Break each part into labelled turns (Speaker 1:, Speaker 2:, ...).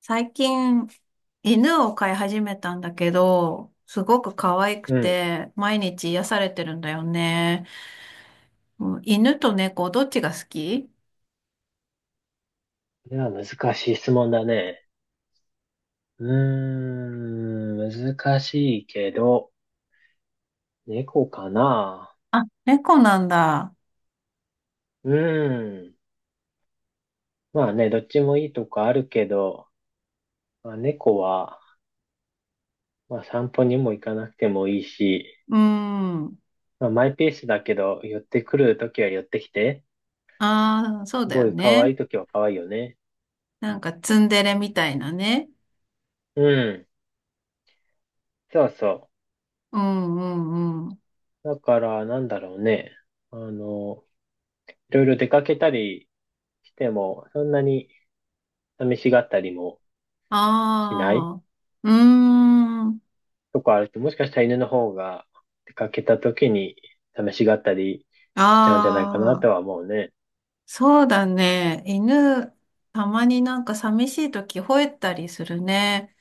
Speaker 1: 最近、犬を飼い始めたんだけど、すごく可愛く
Speaker 2: うん。こ
Speaker 1: て、毎日癒されてるんだよね。うん、犬と猫、どっちが好き？
Speaker 2: れは難しい質問だね。うー難しいけど、猫かな。
Speaker 1: あ、猫なんだ。
Speaker 2: うーん。まあね、どっちもいいとこあるけど、まあ、猫は、まあ散歩にも行かなくてもいいし、
Speaker 1: うーん。
Speaker 2: まあマイペースだけど、寄ってくるときは寄ってきて、
Speaker 1: ああ、そう
Speaker 2: す
Speaker 1: だ
Speaker 2: ご
Speaker 1: よ
Speaker 2: い可愛
Speaker 1: ね。
Speaker 2: いときは可愛いよね。
Speaker 1: なんかツンデレみたいなね。
Speaker 2: うん。そうそ
Speaker 1: うんうんうん。
Speaker 2: う。だから、なんだろうね。あの、いろいろ出かけたりしても、そんなに寂しがったりもしない、
Speaker 1: ああ、うーん。
Speaker 2: とかあると、もしかしたら犬の方が出かけた時に試しがったりしちゃうんじゃないかな
Speaker 1: ああ、
Speaker 2: とは思うね。
Speaker 1: そうだね。犬、たまになんか寂しい時吠えたりするね。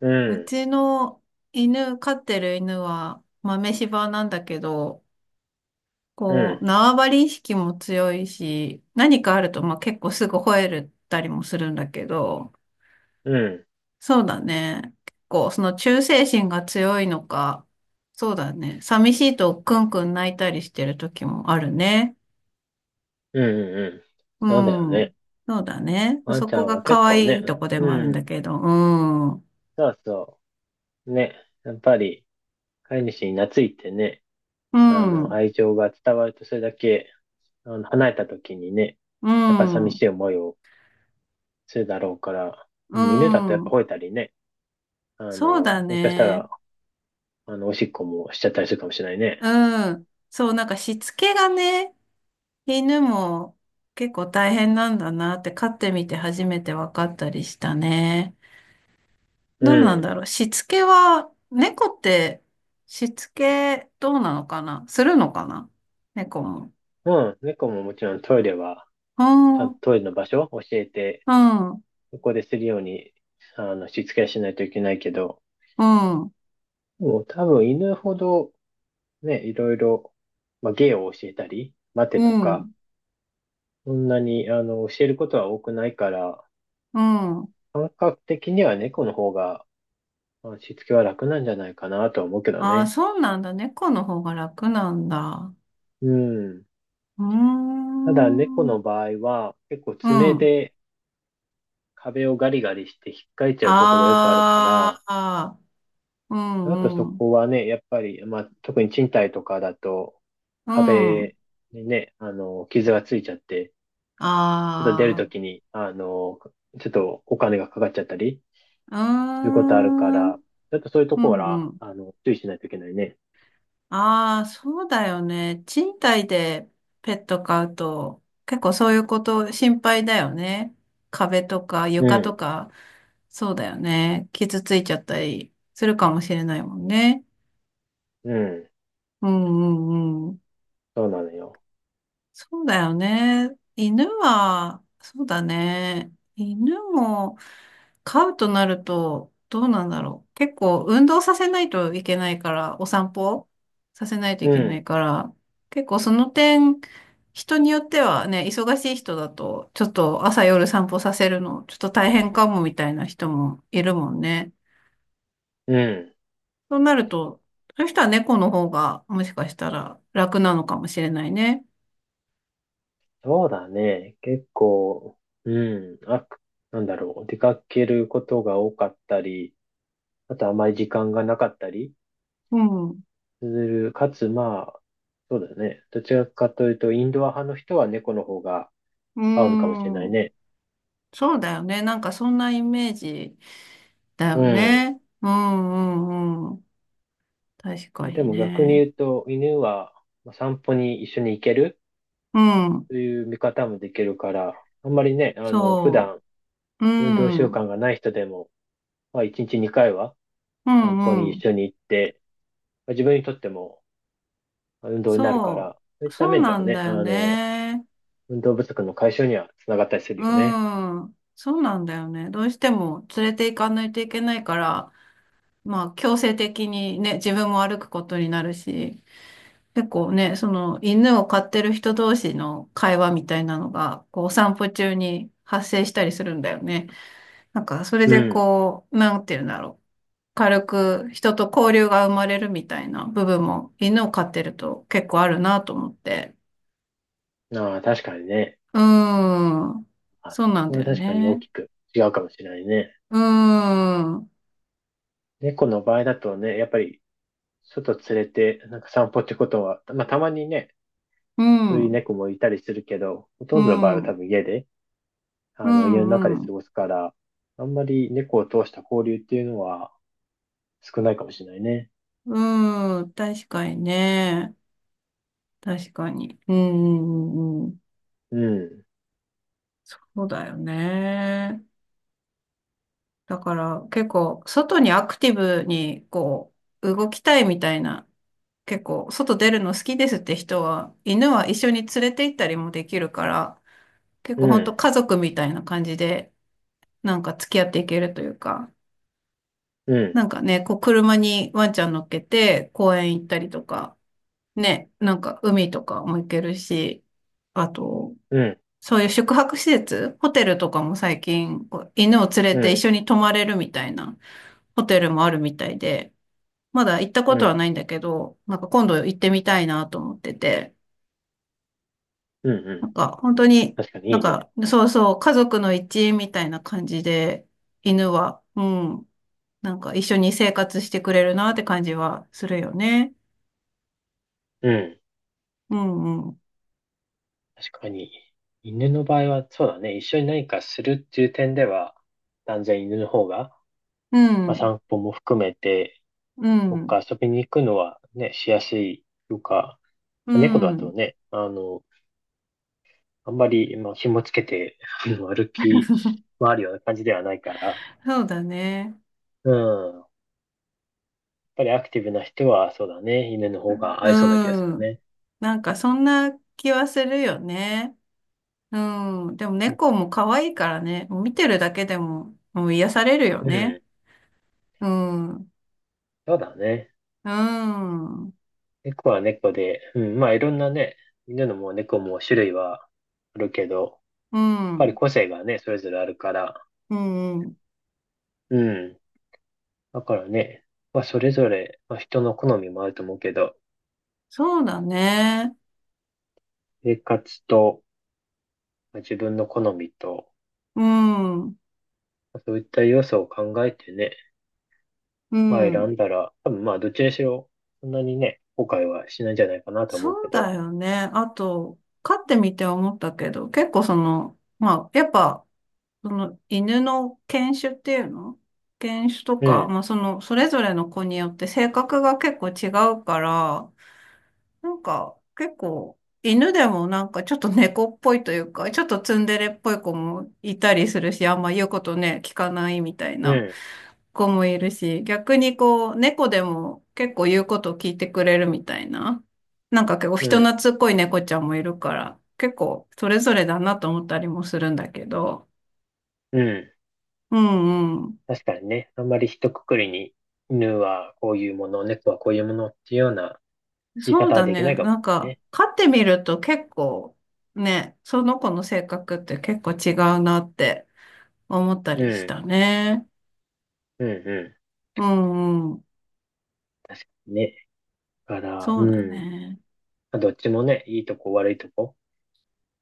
Speaker 2: う
Speaker 1: う
Speaker 2: ん、
Speaker 1: ちの犬、飼ってる犬は豆柴なんだけど、
Speaker 2: う
Speaker 1: こう、
Speaker 2: ん、
Speaker 1: 縄張り意識も強いし、何かあると、まあ、結構すぐ吠えるったりもするんだけど、
Speaker 2: うん、
Speaker 1: そうだね。結構、その忠誠心が強いのか、そうだね。寂しいとクンクン泣いたりしてる時もあるね。
Speaker 2: うん、うん。
Speaker 1: う
Speaker 2: そうだよ
Speaker 1: ん。
Speaker 2: ね。
Speaker 1: そうだね。
Speaker 2: ワン
Speaker 1: そ
Speaker 2: ちゃ
Speaker 1: こ
Speaker 2: ん
Speaker 1: が
Speaker 2: は結
Speaker 1: 可
Speaker 2: 構
Speaker 1: 愛
Speaker 2: ね、
Speaker 1: いとこでもあるん
Speaker 2: うん、
Speaker 1: だけど、うん。う
Speaker 2: そうそう。ね、やっぱり飼い主に懐いてね、
Speaker 1: ん。
Speaker 2: 愛情が伝わるとそれだけ、離れた時にね、
Speaker 1: う
Speaker 2: やっぱ寂
Speaker 1: ん。
Speaker 2: しい思いをするだろうから、
Speaker 1: う
Speaker 2: うん、犬だとやっぱ
Speaker 1: ん。
Speaker 2: 吠えたりね、
Speaker 1: そうだ
Speaker 2: もしかした
Speaker 1: ね。
Speaker 2: ら、おしっこもしちゃったりするかもしれないね。
Speaker 1: うん。そう、なんかしつけがね、犬も結構大変なんだなって飼ってみて初めて分かったりしたね。
Speaker 2: う
Speaker 1: どうなん
Speaker 2: ん。
Speaker 1: だろう。しつけは、猫ってしつけどうなのかな、するのかな、猫も。
Speaker 2: うん、猫ももちろんトイレは、
Speaker 1: う
Speaker 2: ちゃん
Speaker 1: ん、
Speaker 2: と
Speaker 1: う
Speaker 2: トイレの場所を教えて、
Speaker 1: ん、う
Speaker 2: そこでするように、しつけはしないといけないけど、
Speaker 1: ん、
Speaker 2: もう多分犬ほど、ね、いろいろ、まあ、芸を教えたり、待て
Speaker 1: う
Speaker 2: とか、
Speaker 1: ん、
Speaker 2: そんなに、あの、教えることは多くないから、
Speaker 1: うん。
Speaker 2: 感覚的には猫の方が、まあしつけは楽なんじゃないかなとは思うけど
Speaker 1: ああ、
Speaker 2: ね。
Speaker 1: そうなんだ。猫の方が楽なんだ。
Speaker 2: うん。
Speaker 1: うー
Speaker 2: ただ、猫
Speaker 1: ん、う
Speaker 2: の
Speaker 1: ん。
Speaker 2: 場合は、結構爪で壁をガリガリして引っかいちゃうことがよくあるか
Speaker 1: あ
Speaker 2: ら、
Speaker 1: あ、う
Speaker 2: あと
Speaker 1: ん、
Speaker 2: そ
Speaker 1: うん。
Speaker 2: こはね、やっぱり、まあ、特に賃貸とかだと、
Speaker 1: うん。
Speaker 2: 壁にね、傷がついちゃって、ちょっと出る
Speaker 1: あ
Speaker 2: ときに、ちょっとお金がかかっちゃったり
Speaker 1: あ、
Speaker 2: する
Speaker 1: うー
Speaker 2: ことあるか
Speaker 1: ん。う
Speaker 2: ら、ちょっとそういうところ
Speaker 1: ん
Speaker 2: は、
Speaker 1: うん。
Speaker 2: 注意しないといけないね。
Speaker 1: ああ、そうだよね。賃貸でペット飼うと、結構そういうこと心配だよね。壁とか
Speaker 2: う
Speaker 1: 床と
Speaker 2: ん、
Speaker 1: か、そうだよね。傷ついちゃったりするかもしれないもんね。
Speaker 2: うん、
Speaker 1: うんうんうん。
Speaker 2: そうなのよ。
Speaker 1: そうだよね。犬は、そうだね。犬も飼うとなると、どうなんだろう。結構運動させないといけないから、お散歩させないとい
Speaker 2: う
Speaker 1: けな
Speaker 2: ん、
Speaker 1: いから、結構その点、人によってはね、忙しい人だと、ちょっと朝夜散歩させるの、ちょっと大変かもみたいな人もいるもんね。
Speaker 2: うん、
Speaker 1: そうなると、そういう人は猫の方が、もしかしたら楽なのかもしれないね。
Speaker 2: そうだね。結構、うん、あ、なんだろう、出かけることが多かったり、あとあまり時間がなかったり
Speaker 1: うん。う
Speaker 2: する。かつ、まあ、そうだよね。どちらかというと、インドア派の人は猫の方が
Speaker 1: ー
Speaker 2: 合うのかもしれない
Speaker 1: ん。
Speaker 2: ね。
Speaker 1: そうだよね。なんかそんなイメージだよ
Speaker 2: うん。
Speaker 1: ね。うんうんうん。確か
Speaker 2: まあ、で
Speaker 1: に
Speaker 2: も逆に
Speaker 1: ね。
Speaker 2: 言うと、犬はまあ散歩に一緒に行ける
Speaker 1: うん。
Speaker 2: という見方もできるから、あんまりね、普
Speaker 1: そ
Speaker 2: 段
Speaker 1: う。
Speaker 2: 運動
Speaker 1: う
Speaker 2: 習
Speaker 1: ん。
Speaker 2: 慣がない人でも、まあ、1日2回は
Speaker 1: う
Speaker 2: 散歩
Speaker 1: ん
Speaker 2: に
Speaker 1: うん。
Speaker 2: 一緒に行って、まあ、自分にとってもまあ運動になるか
Speaker 1: そ
Speaker 2: ら、そう
Speaker 1: う。
Speaker 2: いった
Speaker 1: そう
Speaker 2: 面で
Speaker 1: な
Speaker 2: は
Speaker 1: ん
Speaker 2: ね、
Speaker 1: だよね。
Speaker 2: 運動不足の解消にはつながったりする
Speaker 1: う
Speaker 2: よね。
Speaker 1: ん。そうなんだよね。どうしても連れて行かないといけないから、まあ強制的にね、自分も歩くことになるし、結構ね、その犬を飼ってる人同士の会話みたいなのが、こうお散歩中に発生したりするんだよね。なんか、それ
Speaker 2: う
Speaker 1: で
Speaker 2: ん。
Speaker 1: こう、なんていうんだろう。軽く人と交流が生まれるみたいな部分も犬を飼ってると結構あるなと思って。
Speaker 2: ああ、確かにね。
Speaker 1: うーん。
Speaker 2: はい。
Speaker 1: そうなん
Speaker 2: こ
Speaker 1: だ
Speaker 2: れ
Speaker 1: よ
Speaker 2: は確かに大
Speaker 1: ね。
Speaker 2: きく違うかもしれないね。
Speaker 1: うーん。
Speaker 2: 猫の場合だとね、やっぱり外連れてなんか散歩ってことは、まあたまにね、
Speaker 1: う
Speaker 2: そういう
Speaker 1: ん。
Speaker 2: 猫もいたりするけど、ほと
Speaker 1: う
Speaker 2: んどの場合は
Speaker 1: ん。う
Speaker 2: 多
Speaker 1: ん。
Speaker 2: 分家で、
Speaker 1: う
Speaker 2: あの家の中で過
Speaker 1: ん。
Speaker 2: ごすから、あんまり猫を通した交流っていうのは少ないかもしれないね。
Speaker 1: うん、確かにね。確かに。うん。うん、
Speaker 2: うん、
Speaker 1: そうだよね。だから結構外にアクティブにこう動きたいみたいな、結構外出るの好きですって人は、犬は一緒に連れて行ったりもできるから、結
Speaker 2: う
Speaker 1: 構本当
Speaker 2: ん、
Speaker 1: 家族みたいな感じで、なんか付き合っていけるというか、
Speaker 2: う
Speaker 1: な
Speaker 2: ん、
Speaker 1: んかね、こう車にワンちゃん乗っけて公園行ったりとか、ね、なんか海とかも行けるし、あと、
Speaker 2: うん、
Speaker 1: そういう宿泊施設、ホテルとかも最近、こう犬を連れ
Speaker 2: う
Speaker 1: て一
Speaker 2: ん、
Speaker 1: 緒に泊まれるみたいなホテルもあるみたいで、まだ行った
Speaker 2: う
Speaker 1: ことは
Speaker 2: ん、
Speaker 1: ないんだけど、なんか今度行ってみたいなと思ってて、
Speaker 2: うん、う
Speaker 1: な
Speaker 2: ん。
Speaker 1: んか、本当に、
Speaker 2: 確かに
Speaker 1: な
Speaker 2: い
Speaker 1: ん
Speaker 2: いね。
Speaker 1: か、そうそう、家族の一員みたいな感じで、犬は、うん、なんか一緒に生活してくれるなって感じはするよね。
Speaker 2: うん。
Speaker 1: うん、うん、
Speaker 2: 確かに。犬の場合はそうだね。一緒に何かするっていう点では、断然犬の方が
Speaker 1: う
Speaker 2: まあ、
Speaker 1: ん、
Speaker 2: 散歩も含めて、
Speaker 1: う
Speaker 2: どっ
Speaker 1: ん、
Speaker 2: か遊びに行くのはね、しやすいというか、
Speaker 1: う
Speaker 2: まあ猫だと
Speaker 1: ん、
Speaker 2: ね、あの、あんまり、まあ、紐つけて、あの歩き回るような感じではないから、
Speaker 1: そうだね。
Speaker 2: うん。やっぱりアクティブな人は、そうだね、犬の方が合いそうな気がする
Speaker 1: うん、
Speaker 2: ね。
Speaker 1: なんかそんな気はするよね。うん、でも
Speaker 2: うん。
Speaker 1: 猫も可愛いからね、見てるだけでも、もう癒されるよ
Speaker 2: う
Speaker 1: ね。
Speaker 2: ん
Speaker 1: うん、う
Speaker 2: そうだね。
Speaker 1: ん、うん、
Speaker 2: 猫は猫で、うん。まあ、いろんなね、犬のも猫も種類はあるけど、やっ
Speaker 1: う
Speaker 2: ぱり
Speaker 1: ん、
Speaker 2: 個性がね、それぞれあるから、
Speaker 1: うん。
Speaker 2: うん。だからね、まあ、それぞれ、まあ、人の好みもあると思うけど、
Speaker 1: そうだね。
Speaker 2: 生活と、まあ、自分の好みと、
Speaker 1: うん。
Speaker 2: まあそういった要素を考えてね、
Speaker 1: う
Speaker 2: まあ、選
Speaker 1: ん。
Speaker 2: んだら、多分まあ、どっちにしろ、そんなにね、後悔はしないんじゃないかなと思う
Speaker 1: そ
Speaker 2: け
Speaker 1: うだ
Speaker 2: ど、
Speaker 1: よね。あと、飼ってみて思ったけど、結構その、まあ、やっぱ、その犬の犬種っていうの犬種と
Speaker 2: う
Speaker 1: か、
Speaker 2: ん、
Speaker 1: まあその、それぞれの子によって性格が結構違うから、なんか、結構、犬でもなんかちょっと猫っぽいというか、ちょっとツンデレっぽい子もいたりするし、あんま言うことね、聞かないみたい
Speaker 2: う
Speaker 1: な
Speaker 2: ん、
Speaker 1: 子もいるし、逆にこう、猫でも結構言うことを聞いてくれるみたいな、なんか結構
Speaker 2: う
Speaker 1: 人
Speaker 2: ん、
Speaker 1: 懐っこい猫ちゃんもいるから、結構それぞれだなと思ったりもするんだけど、
Speaker 2: うん。
Speaker 1: うんうん。
Speaker 2: 確かにね、あんまり一括りに、犬はこういうもの、猫はこういうものっていうような言い
Speaker 1: そう
Speaker 2: 方は
Speaker 1: だ
Speaker 2: できな
Speaker 1: ね。
Speaker 2: いかも
Speaker 1: な
Speaker 2: し
Speaker 1: ん
Speaker 2: れない
Speaker 1: か、
Speaker 2: ね。
Speaker 1: 飼ってみると結構ね、その子の性格って結構違うなって。思ったりしたね。
Speaker 2: うん、うん、うん。
Speaker 1: うんうん。
Speaker 2: 確かにね。だから、う
Speaker 1: そうだ
Speaker 2: ん。
Speaker 1: ね。
Speaker 2: まあどっちもね、いいとこ悪いとこ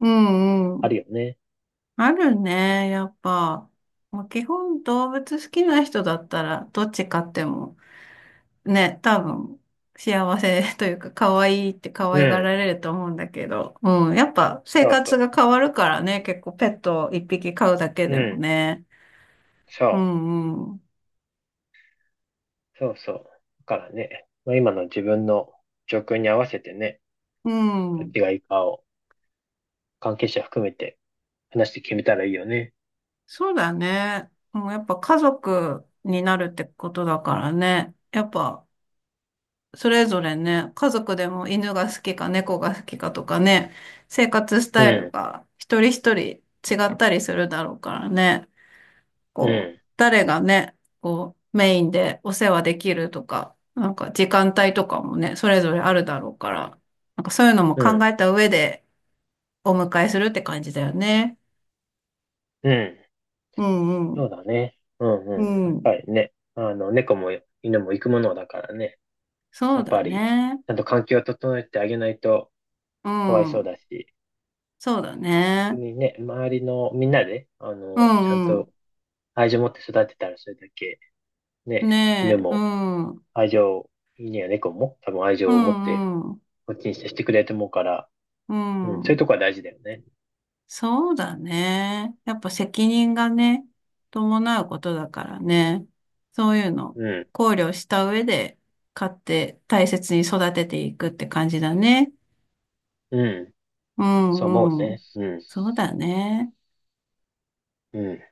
Speaker 1: うんう
Speaker 2: あ
Speaker 1: ん。
Speaker 2: るよね。
Speaker 1: あるね、やっぱ。まあ、基本動物好きな人だったら、どっち飼っても、ね、多分、幸せというか、可愛いって可
Speaker 2: う
Speaker 1: 愛が
Speaker 2: ん。
Speaker 1: られると思うんだけど、うん、やっぱ生
Speaker 2: そうそ
Speaker 1: 活
Speaker 2: う。
Speaker 1: が変わるからね、結構ペットを一匹飼うだけ
Speaker 2: う
Speaker 1: でも
Speaker 2: ん。
Speaker 1: ね。う
Speaker 2: そう。
Speaker 1: んうん。
Speaker 2: そうそう。だからね、まあ、今の自分の状況に合わせてね、
Speaker 1: う
Speaker 2: どっ
Speaker 1: ん。
Speaker 2: ちがいいかを関係者含めて話して決めたらいいよね。
Speaker 1: そうだね。もうやっぱ家族になるってことだからね。やっぱそれぞれね、家族でも犬が好きか猫が好きかとかね、生活ス
Speaker 2: う
Speaker 1: タイル
Speaker 2: ん。
Speaker 1: が一人一人違ったりするだろうからね、
Speaker 2: う
Speaker 1: こう、
Speaker 2: ん。
Speaker 1: 誰がね、こう、メインでお世話できるとか、なんか時間帯とかもね、それぞれあるだろうから、なんかそういうのも
Speaker 2: う
Speaker 1: 考
Speaker 2: ん。
Speaker 1: えた上でお迎えするって感じだよね。
Speaker 2: うん。
Speaker 1: うんう
Speaker 2: そう
Speaker 1: ん。
Speaker 2: だね。うん
Speaker 1: う
Speaker 2: うん。やっ
Speaker 1: ん。
Speaker 2: ぱりね、猫も犬も行くものだからね。
Speaker 1: そ
Speaker 2: や
Speaker 1: う
Speaker 2: っ
Speaker 1: だ
Speaker 2: ぱり、
Speaker 1: ね。
Speaker 2: ちゃんと環境を整えてあげないと
Speaker 1: う
Speaker 2: かわいそう
Speaker 1: ん。
Speaker 2: だし、
Speaker 1: そうだね。
Speaker 2: 逆にね、周りのみんなで、
Speaker 1: う
Speaker 2: ちゃん
Speaker 1: んうん。
Speaker 2: と愛情を持って育てたらそれだけ、ね、犬
Speaker 1: ねえ。う
Speaker 2: も
Speaker 1: ん。うん
Speaker 2: 愛情には猫も多分愛情
Speaker 1: う
Speaker 2: を持って
Speaker 1: ん。
Speaker 2: こっちに接してくれると思うから、
Speaker 1: う
Speaker 2: うん、そういう
Speaker 1: ん。
Speaker 2: とこは大事だよね。
Speaker 1: そうだね。やっぱ責任がね、伴うことだからね。そういうの
Speaker 2: うん、
Speaker 1: 考慮した上で買って大切に育てていくって感じだね。
Speaker 2: うん、
Speaker 1: う
Speaker 2: そう思う
Speaker 1: んう
Speaker 2: ね。
Speaker 1: ん。
Speaker 2: うん、
Speaker 1: そうだね。
Speaker 2: うん。